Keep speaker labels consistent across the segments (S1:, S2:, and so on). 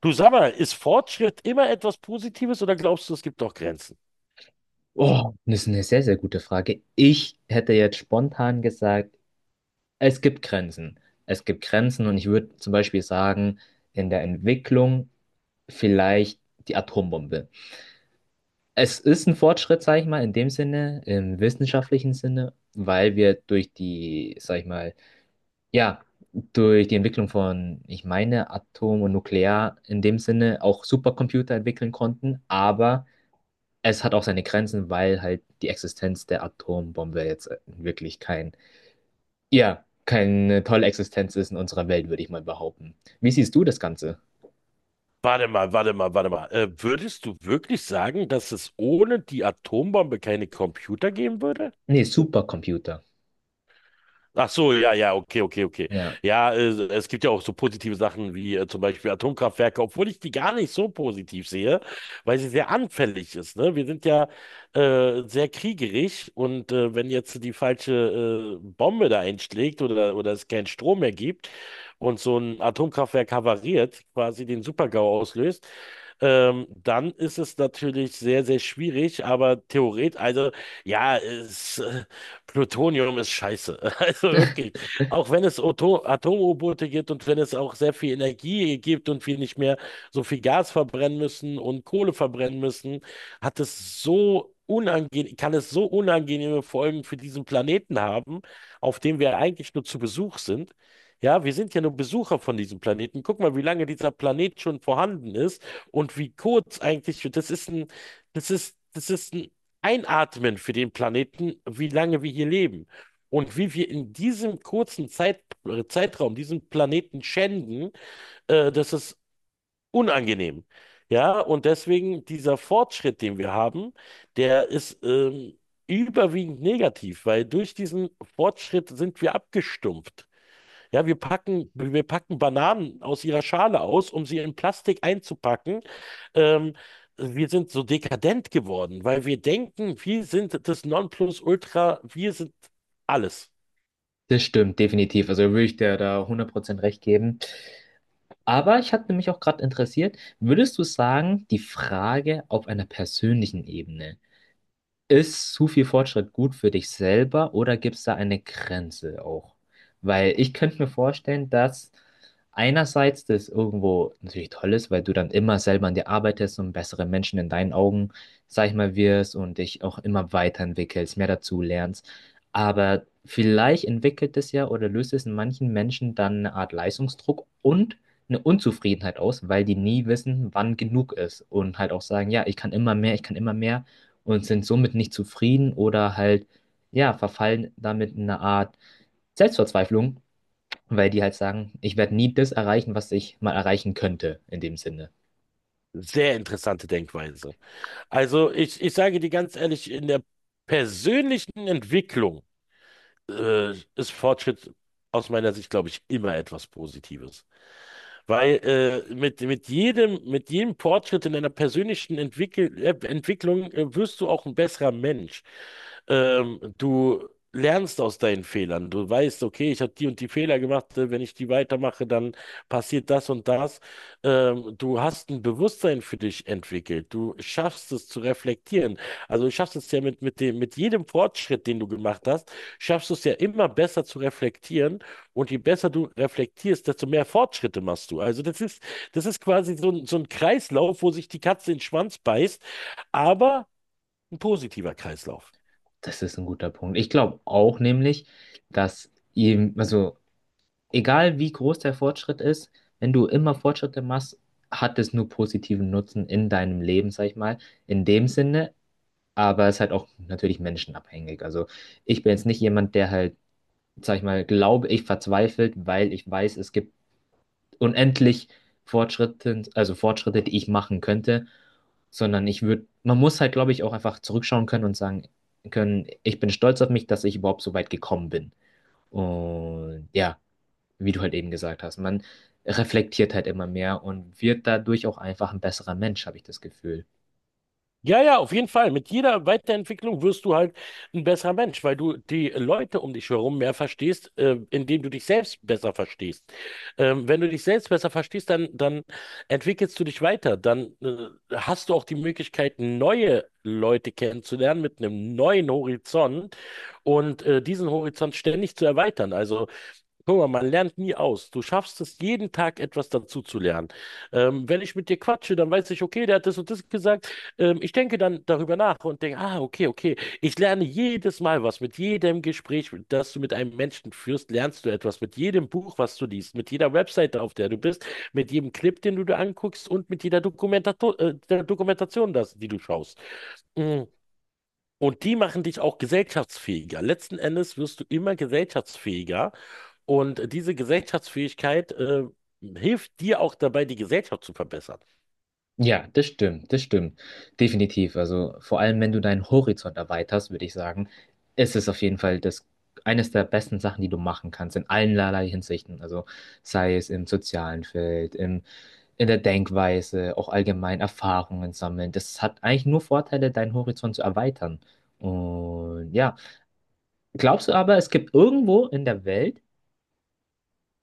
S1: Du sag mal, ist Fortschritt immer etwas Positives oder glaubst du, es gibt auch Grenzen?
S2: Oh, das ist eine sehr, sehr gute Frage. Ich hätte jetzt spontan gesagt, es gibt Grenzen. Es gibt Grenzen und ich würde zum Beispiel sagen, in der Entwicklung vielleicht die Atombombe. Es ist ein Fortschritt, sag ich mal, in dem Sinne, im wissenschaftlichen Sinne, weil wir durch die, sag ich mal, ja, durch die Entwicklung von, ich meine, Atom und Nuklear in dem Sinne auch Supercomputer entwickeln konnten, aber es hat auch seine Grenzen, weil halt die Existenz der Atombombe jetzt wirklich kein, ja, keine tolle Existenz ist in unserer Welt, würde ich mal behaupten. Wie siehst du das Ganze?
S1: Warte mal, warte mal, warte mal. Würdest du wirklich sagen, dass es ohne die Atombombe keine Computer geben würde?
S2: Nee, Supercomputer.
S1: Ach so, ja, ja, okay, okay, okay.
S2: Ja,
S1: Ja, es gibt ja auch so positive Sachen wie zum Beispiel Atomkraftwerke, obwohl ich die gar nicht so positiv sehe, weil sie sehr anfällig ist. Ne? Wir sind ja sehr kriegerig und wenn jetzt die falsche Bombe da einschlägt oder es keinen Strom mehr gibt und so ein Atomkraftwerk havariert, quasi den Super-GAU auslöst, dann ist es natürlich sehr, sehr schwierig, aber theoretisch, also ja, es. Plutonium ist scheiße. Also wirklich. Auch wenn es Atom-U-Boote gibt und wenn es auch sehr viel Energie gibt und wir nicht mehr so viel Gas verbrennen müssen und Kohle verbrennen müssen, hat es so unangenehm, kann es so unangenehme Folgen für diesen Planeten haben, auf dem wir eigentlich nur zu Besuch sind. Ja, wir sind ja nur Besucher von diesem Planeten. Guck mal, wie lange dieser Planet schon vorhanden ist und wie kurz eigentlich, das ist ein einatmen für den Planeten, wie lange wir hier leben und wie wir in diesem kurzen Zeitraum diesen Planeten schänden, das ist unangenehm. Ja, und deswegen dieser Fortschritt, den wir haben, der ist überwiegend negativ, weil durch diesen Fortschritt sind wir abgestumpft. Ja, wir packen Bananen aus ihrer Schale aus, um sie in Plastik einzupacken. Ähm, Wir sind so dekadent geworden, weil wir denken, wir sind das Nonplusultra, wir sind alles.
S2: das stimmt, definitiv. Also würde ich dir da 100% recht geben. Aber ich hatte mich auch gerade interessiert, würdest du sagen, die Frage auf einer persönlichen Ebene. Ist zu viel Fortschritt gut für dich selber oder gibt es da eine Grenze auch? Weil ich könnte mir vorstellen, dass einerseits das irgendwo natürlich toll ist, weil du dann immer selber an dir arbeitest und bessere Menschen in deinen Augen, sag ich mal, wirst und dich auch immer weiterentwickelst, mehr dazu lernst. Aber vielleicht entwickelt es ja oder löst es in manchen Menschen dann eine Art Leistungsdruck und eine Unzufriedenheit aus, weil die nie wissen, wann genug ist und halt auch sagen, ja, ich kann immer mehr, ich kann immer mehr und sind somit nicht zufrieden oder halt, ja, verfallen damit in eine Art Selbstverzweiflung, weil die halt sagen, ich werde nie das erreichen, was ich mal erreichen könnte, in dem Sinne.
S1: Sehr interessante Denkweise. Also ich sage dir ganz ehrlich, in der persönlichen Entwicklung ist Fortschritt aus meiner Sicht, glaube ich, immer etwas Positives. Weil mit jedem Fortschritt in deiner persönlichen Entwicklung wirst du auch ein besserer Mensch. Du lernst aus deinen Fehlern. Du weißt, okay, ich habe die und die Fehler gemacht. Wenn ich die weitermache, dann passiert das und das. Du hast ein Bewusstsein für dich entwickelt. Du schaffst es zu reflektieren. Also du schaffst es ja mit jedem Fortschritt, den du gemacht hast, schaffst du es ja immer besser zu reflektieren und je besser du reflektierst, desto mehr Fortschritte machst du. Also das ist quasi so ein Kreislauf, wo sich die Katze in den Schwanz beißt, aber ein positiver Kreislauf.
S2: Das ist ein guter Punkt. Ich glaube auch nämlich, dass ihm, also egal wie groß der Fortschritt ist, wenn du immer Fortschritte machst, hat es nur positiven Nutzen in deinem Leben, sag ich mal, in dem Sinne, aber es ist halt auch natürlich menschenabhängig. Also ich bin jetzt nicht jemand, der halt, sag ich mal, glaube ich, verzweifelt, weil ich weiß, es gibt unendlich Fortschritte, also Fortschritte, die ich machen könnte, sondern ich würde, man muss halt, glaube ich, auch einfach zurückschauen können und sagen können, ich bin stolz auf mich, dass ich überhaupt so weit gekommen bin. Und ja, wie du halt eben gesagt hast, man reflektiert halt immer mehr und wird dadurch auch einfach ein besserer Mensch, habe ich das Gefühl.
S1: Ja, ja, auf jeden Fall. Mit jeder Weiterentwicklung wirst du halt ein besserer Mensch, weil du die Leute um dich herum mehr verstehst, indem du dich selbst besser verstehst. Wenn du dich selbst besser verstehst, dann entwickelst du dich weiter. Dann hast du auch die Möglichkeit, neue Leute kennenzulernen mit einem neuen Horizont und diesen Horizont ständig zu erweitern. Also, guck mal, man lernt nie aus. Du schaffst es, jeden Tag etwas dazu zu lernen. Wenn ich mit dir quatsche, dann weiß ich, okay, der hat das und das gesagt. Ich denke dann darüber nach und denke, ah, okay, okay. Ich lerne jedes Mal was. Mit jedem Gespräch, das du mit einem Menschen führst, lernst du etwas. Mit jedem Buch, was du liest, mit jeder Webseite, auf der du bist, mit jedem Clip, den du dir anguckst und mit jeder Dokumentato der Dokumentation, die du schaust. Mm. Und die machen dich auch gesellschaftsfähiger. Letzten Endes wirst du immer gesellschaftsfähiger und diese Gesellschaftsfähigkeit, hilft dir auch dabei, die Gesellschaft zu verbessern.
S2: Ja, das stimmt, das stimmt. Definitiv. Also vor allem, wenn du deinen Horizont erweiterst, würde ich sagen, ist es auf jeden Fall das, eines der besten Sachen, die du machen kannst, in allen allerlei Hinsichten. Also sei es im sozialen Feld, im, in der Denkweise, auch allgemein Erfahrungen sammeln. Das hat eigentlich nur Vorteile, deinen Horizont zu erweitern. Und ja, glaubst du aber, es gibt irgendwo in der Welt,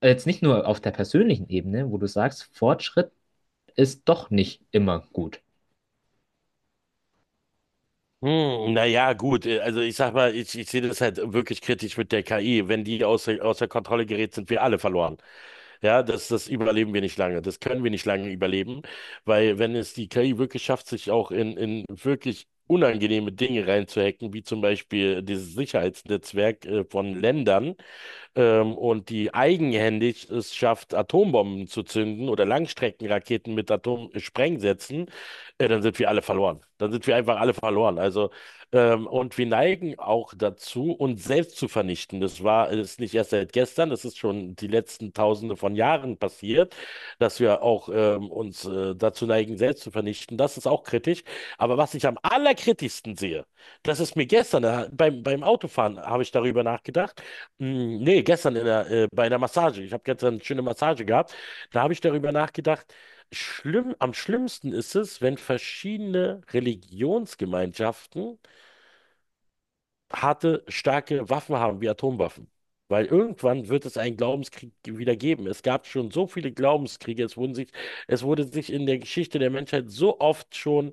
S2: jetzt nicht nur auf der persönlichen Ebene, wo du sagst, Fortschritt ist doch nicht immer gut.
S1: Hm, naja, gut. Also ich sag mal, ich sehe das halt wirklich kritisch mit der KI. Wenn die außer Kontrolle gerät, sind wir alle verloren. Ja, das überleben wir nicht lange. Das können wir nicht lange überleben, weil wenn es die KI wirklich schafft, sich auch in wirklich unangenehme Dinge reinzuhacken, wie zum Beispiel dieses Sicherheitsnetzwerk von Ländern, und die eigenhändig es schafft, Atombomben zu zünden oder Langstreckenraketen mit Atomsprengsätzen, dann sind wir alle verloren. Dann sind wir einfach alle verloren. Also, und wir neigen auch dazu, uns selbst zu vernichten. Das war Ist nicht erst seit gestern, das ist schon die letzten Tausende von Jahren passiert, dass wir auch uns dazu neigen, selbst zu vernichten. Das ist auch kritisch. Aber was ich am allerkritischsten sehe, das ist mir gestern beim Autofahren, habe ich darüber nachgedacht. Mm, nee, gestern bei einer Massage. Ich habe gestern eine schöne Massage gehabt. Da habe ich darüber nachgedacht, schlimm, am schlimmsten ist es, wenn verschiedene Religionsgemeinschaften harte, starke Waffen haben, wie Atomwaffen. Weil irgendwann wird es einen Glaubenskrieg wieder geben. Es gab schon so viele Glaubenskriege. Es wurde sich in der Geschichte der Menschheit so oft schon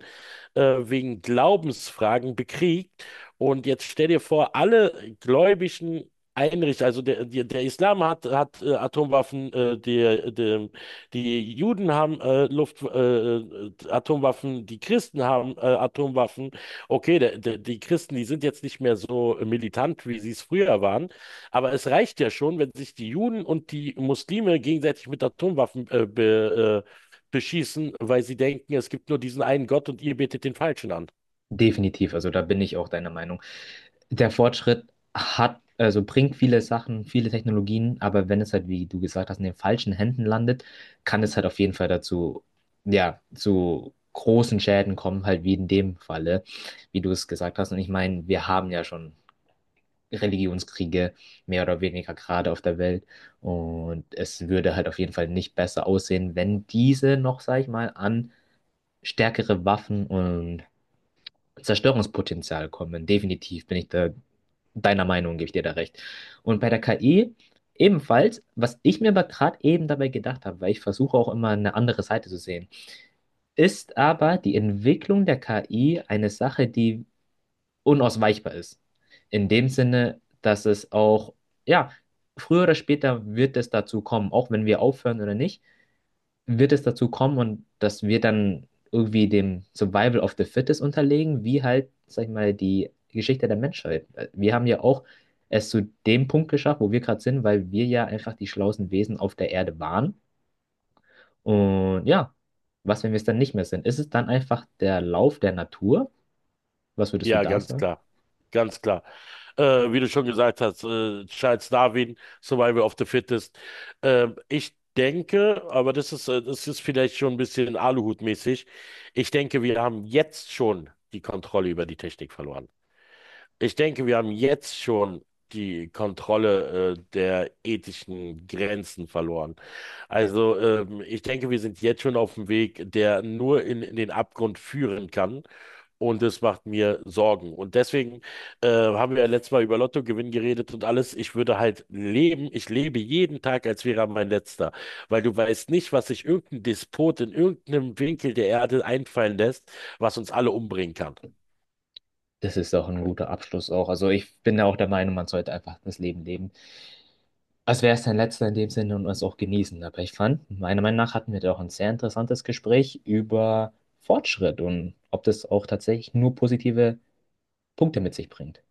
S1: wegen Glaubensfragen bekriegt. Und jetzt stell dir vor, alle gläubigen Einrichtungen, also der Islam hat, hat Atomwaffen, die Juden haben Atomwaffen, die Christen haben Atomwaffen. Okay, die Christen, die sind jetzt nicht mehr so militant, wie sie es früher waren, aber es reicht ja schon, wenn sich die Juden und die Muslime gegenseitig mit Atomwaffen beschießen, weil sie denken, es gibt nur diesen einen Gott und ihr betet den Falschen an.
S2: Definitiv, also da bin ich auch deiner Meinung. Der Fortschritt hat, also bringt viele Sachen, viele Technologien, aber wenn es halt, wie du gesagt hast, in den falschen Händen landet, kann es halt auf jeden Fall dazu, ja, zu großen Schäden kommen, halt wie in dem Falle, wie du es gesagt hast. Und ich meine, wir haben ja schon Religionskriege, mehr oder weniger gerade auf der Welt. Und es würde halt auf jeden Fall nicht besser aussehen, wenn diese noch, sag ich mal, an stärkere Waffen und Zerstörungspotenzial kommen. Definitiv bin ich da deiner Meinung, gebe ich dir da recht. Und bei der KI ebenfalls, was ich mir aber gerade eben dabei gedacht habe, weil ich versuche auch immer eine andere Seite zu sehen, ist aber die Entwicklung der KI eine Sache, die unausweichbar ist. In dem Sinne, dass es auch, ja, früher oder später wird es dazu kommen, auch wenn wir aufhören oder nicht, wird es dazu kommen und dass wir dann irgendwie dem Survival of the Fittest unterlegen, wie halt, sag ich mal, die Geschichte der Menschheit. Wir haben ja auch es zu dem Punkt geschafft, wo wir gerade sind, weil wir ja einfach die schlauesten Wesen auf der Erde waren. Und ja, was, wenn wir es dann nicht mehr sind? Ist es dann einfach der Lauf der Natur? Was würdest du
S1: Ja,
S2: da
S1: ganz
S2: sagen?
S1: klar. Ganz klar. Wie du schon gesagt hast, Charles Darwin, Survival of the Fittest. Ich denke, aber das ist vielleicht schon ein bisschen Aluhut-mäßig. Ich denke, wir haben jetzt schon die Kontrolle über die Technik verloren. Ich denke, wir haben jetzt schon die Kontrolle, der ethischen Grenzen verloren. Also, ich denke, wir sind jetzt schon auf dem Weg, der nur in den Abgrund führen kann. Und das macht mir Sorgen. Und deswegen haben wir ja letztes Mal über Lottogewinn geredet und alles. Ich würde halt leben, ich lebe jeden Tag, als wäre er mein letzter. Weil du weißt nicht, was sich irgendein Despot in irgendeinem Winkel der Erde einfallen lässt, was uns alle umbringen kann.
S2: Das ist auch ein guter Abschluss auch. Also ich bin ja auch der Meinung, man sollte einfach das Leben leben, als wäre es dein letzter in dem Sinne und es auch genießen. Aber ich fand, meiner Meinung nach hatten wir da auch ein sehr interessantes Gespräch über Fortschritt und ob das auch tatsächlich nur positive Punkte mit sich bringt.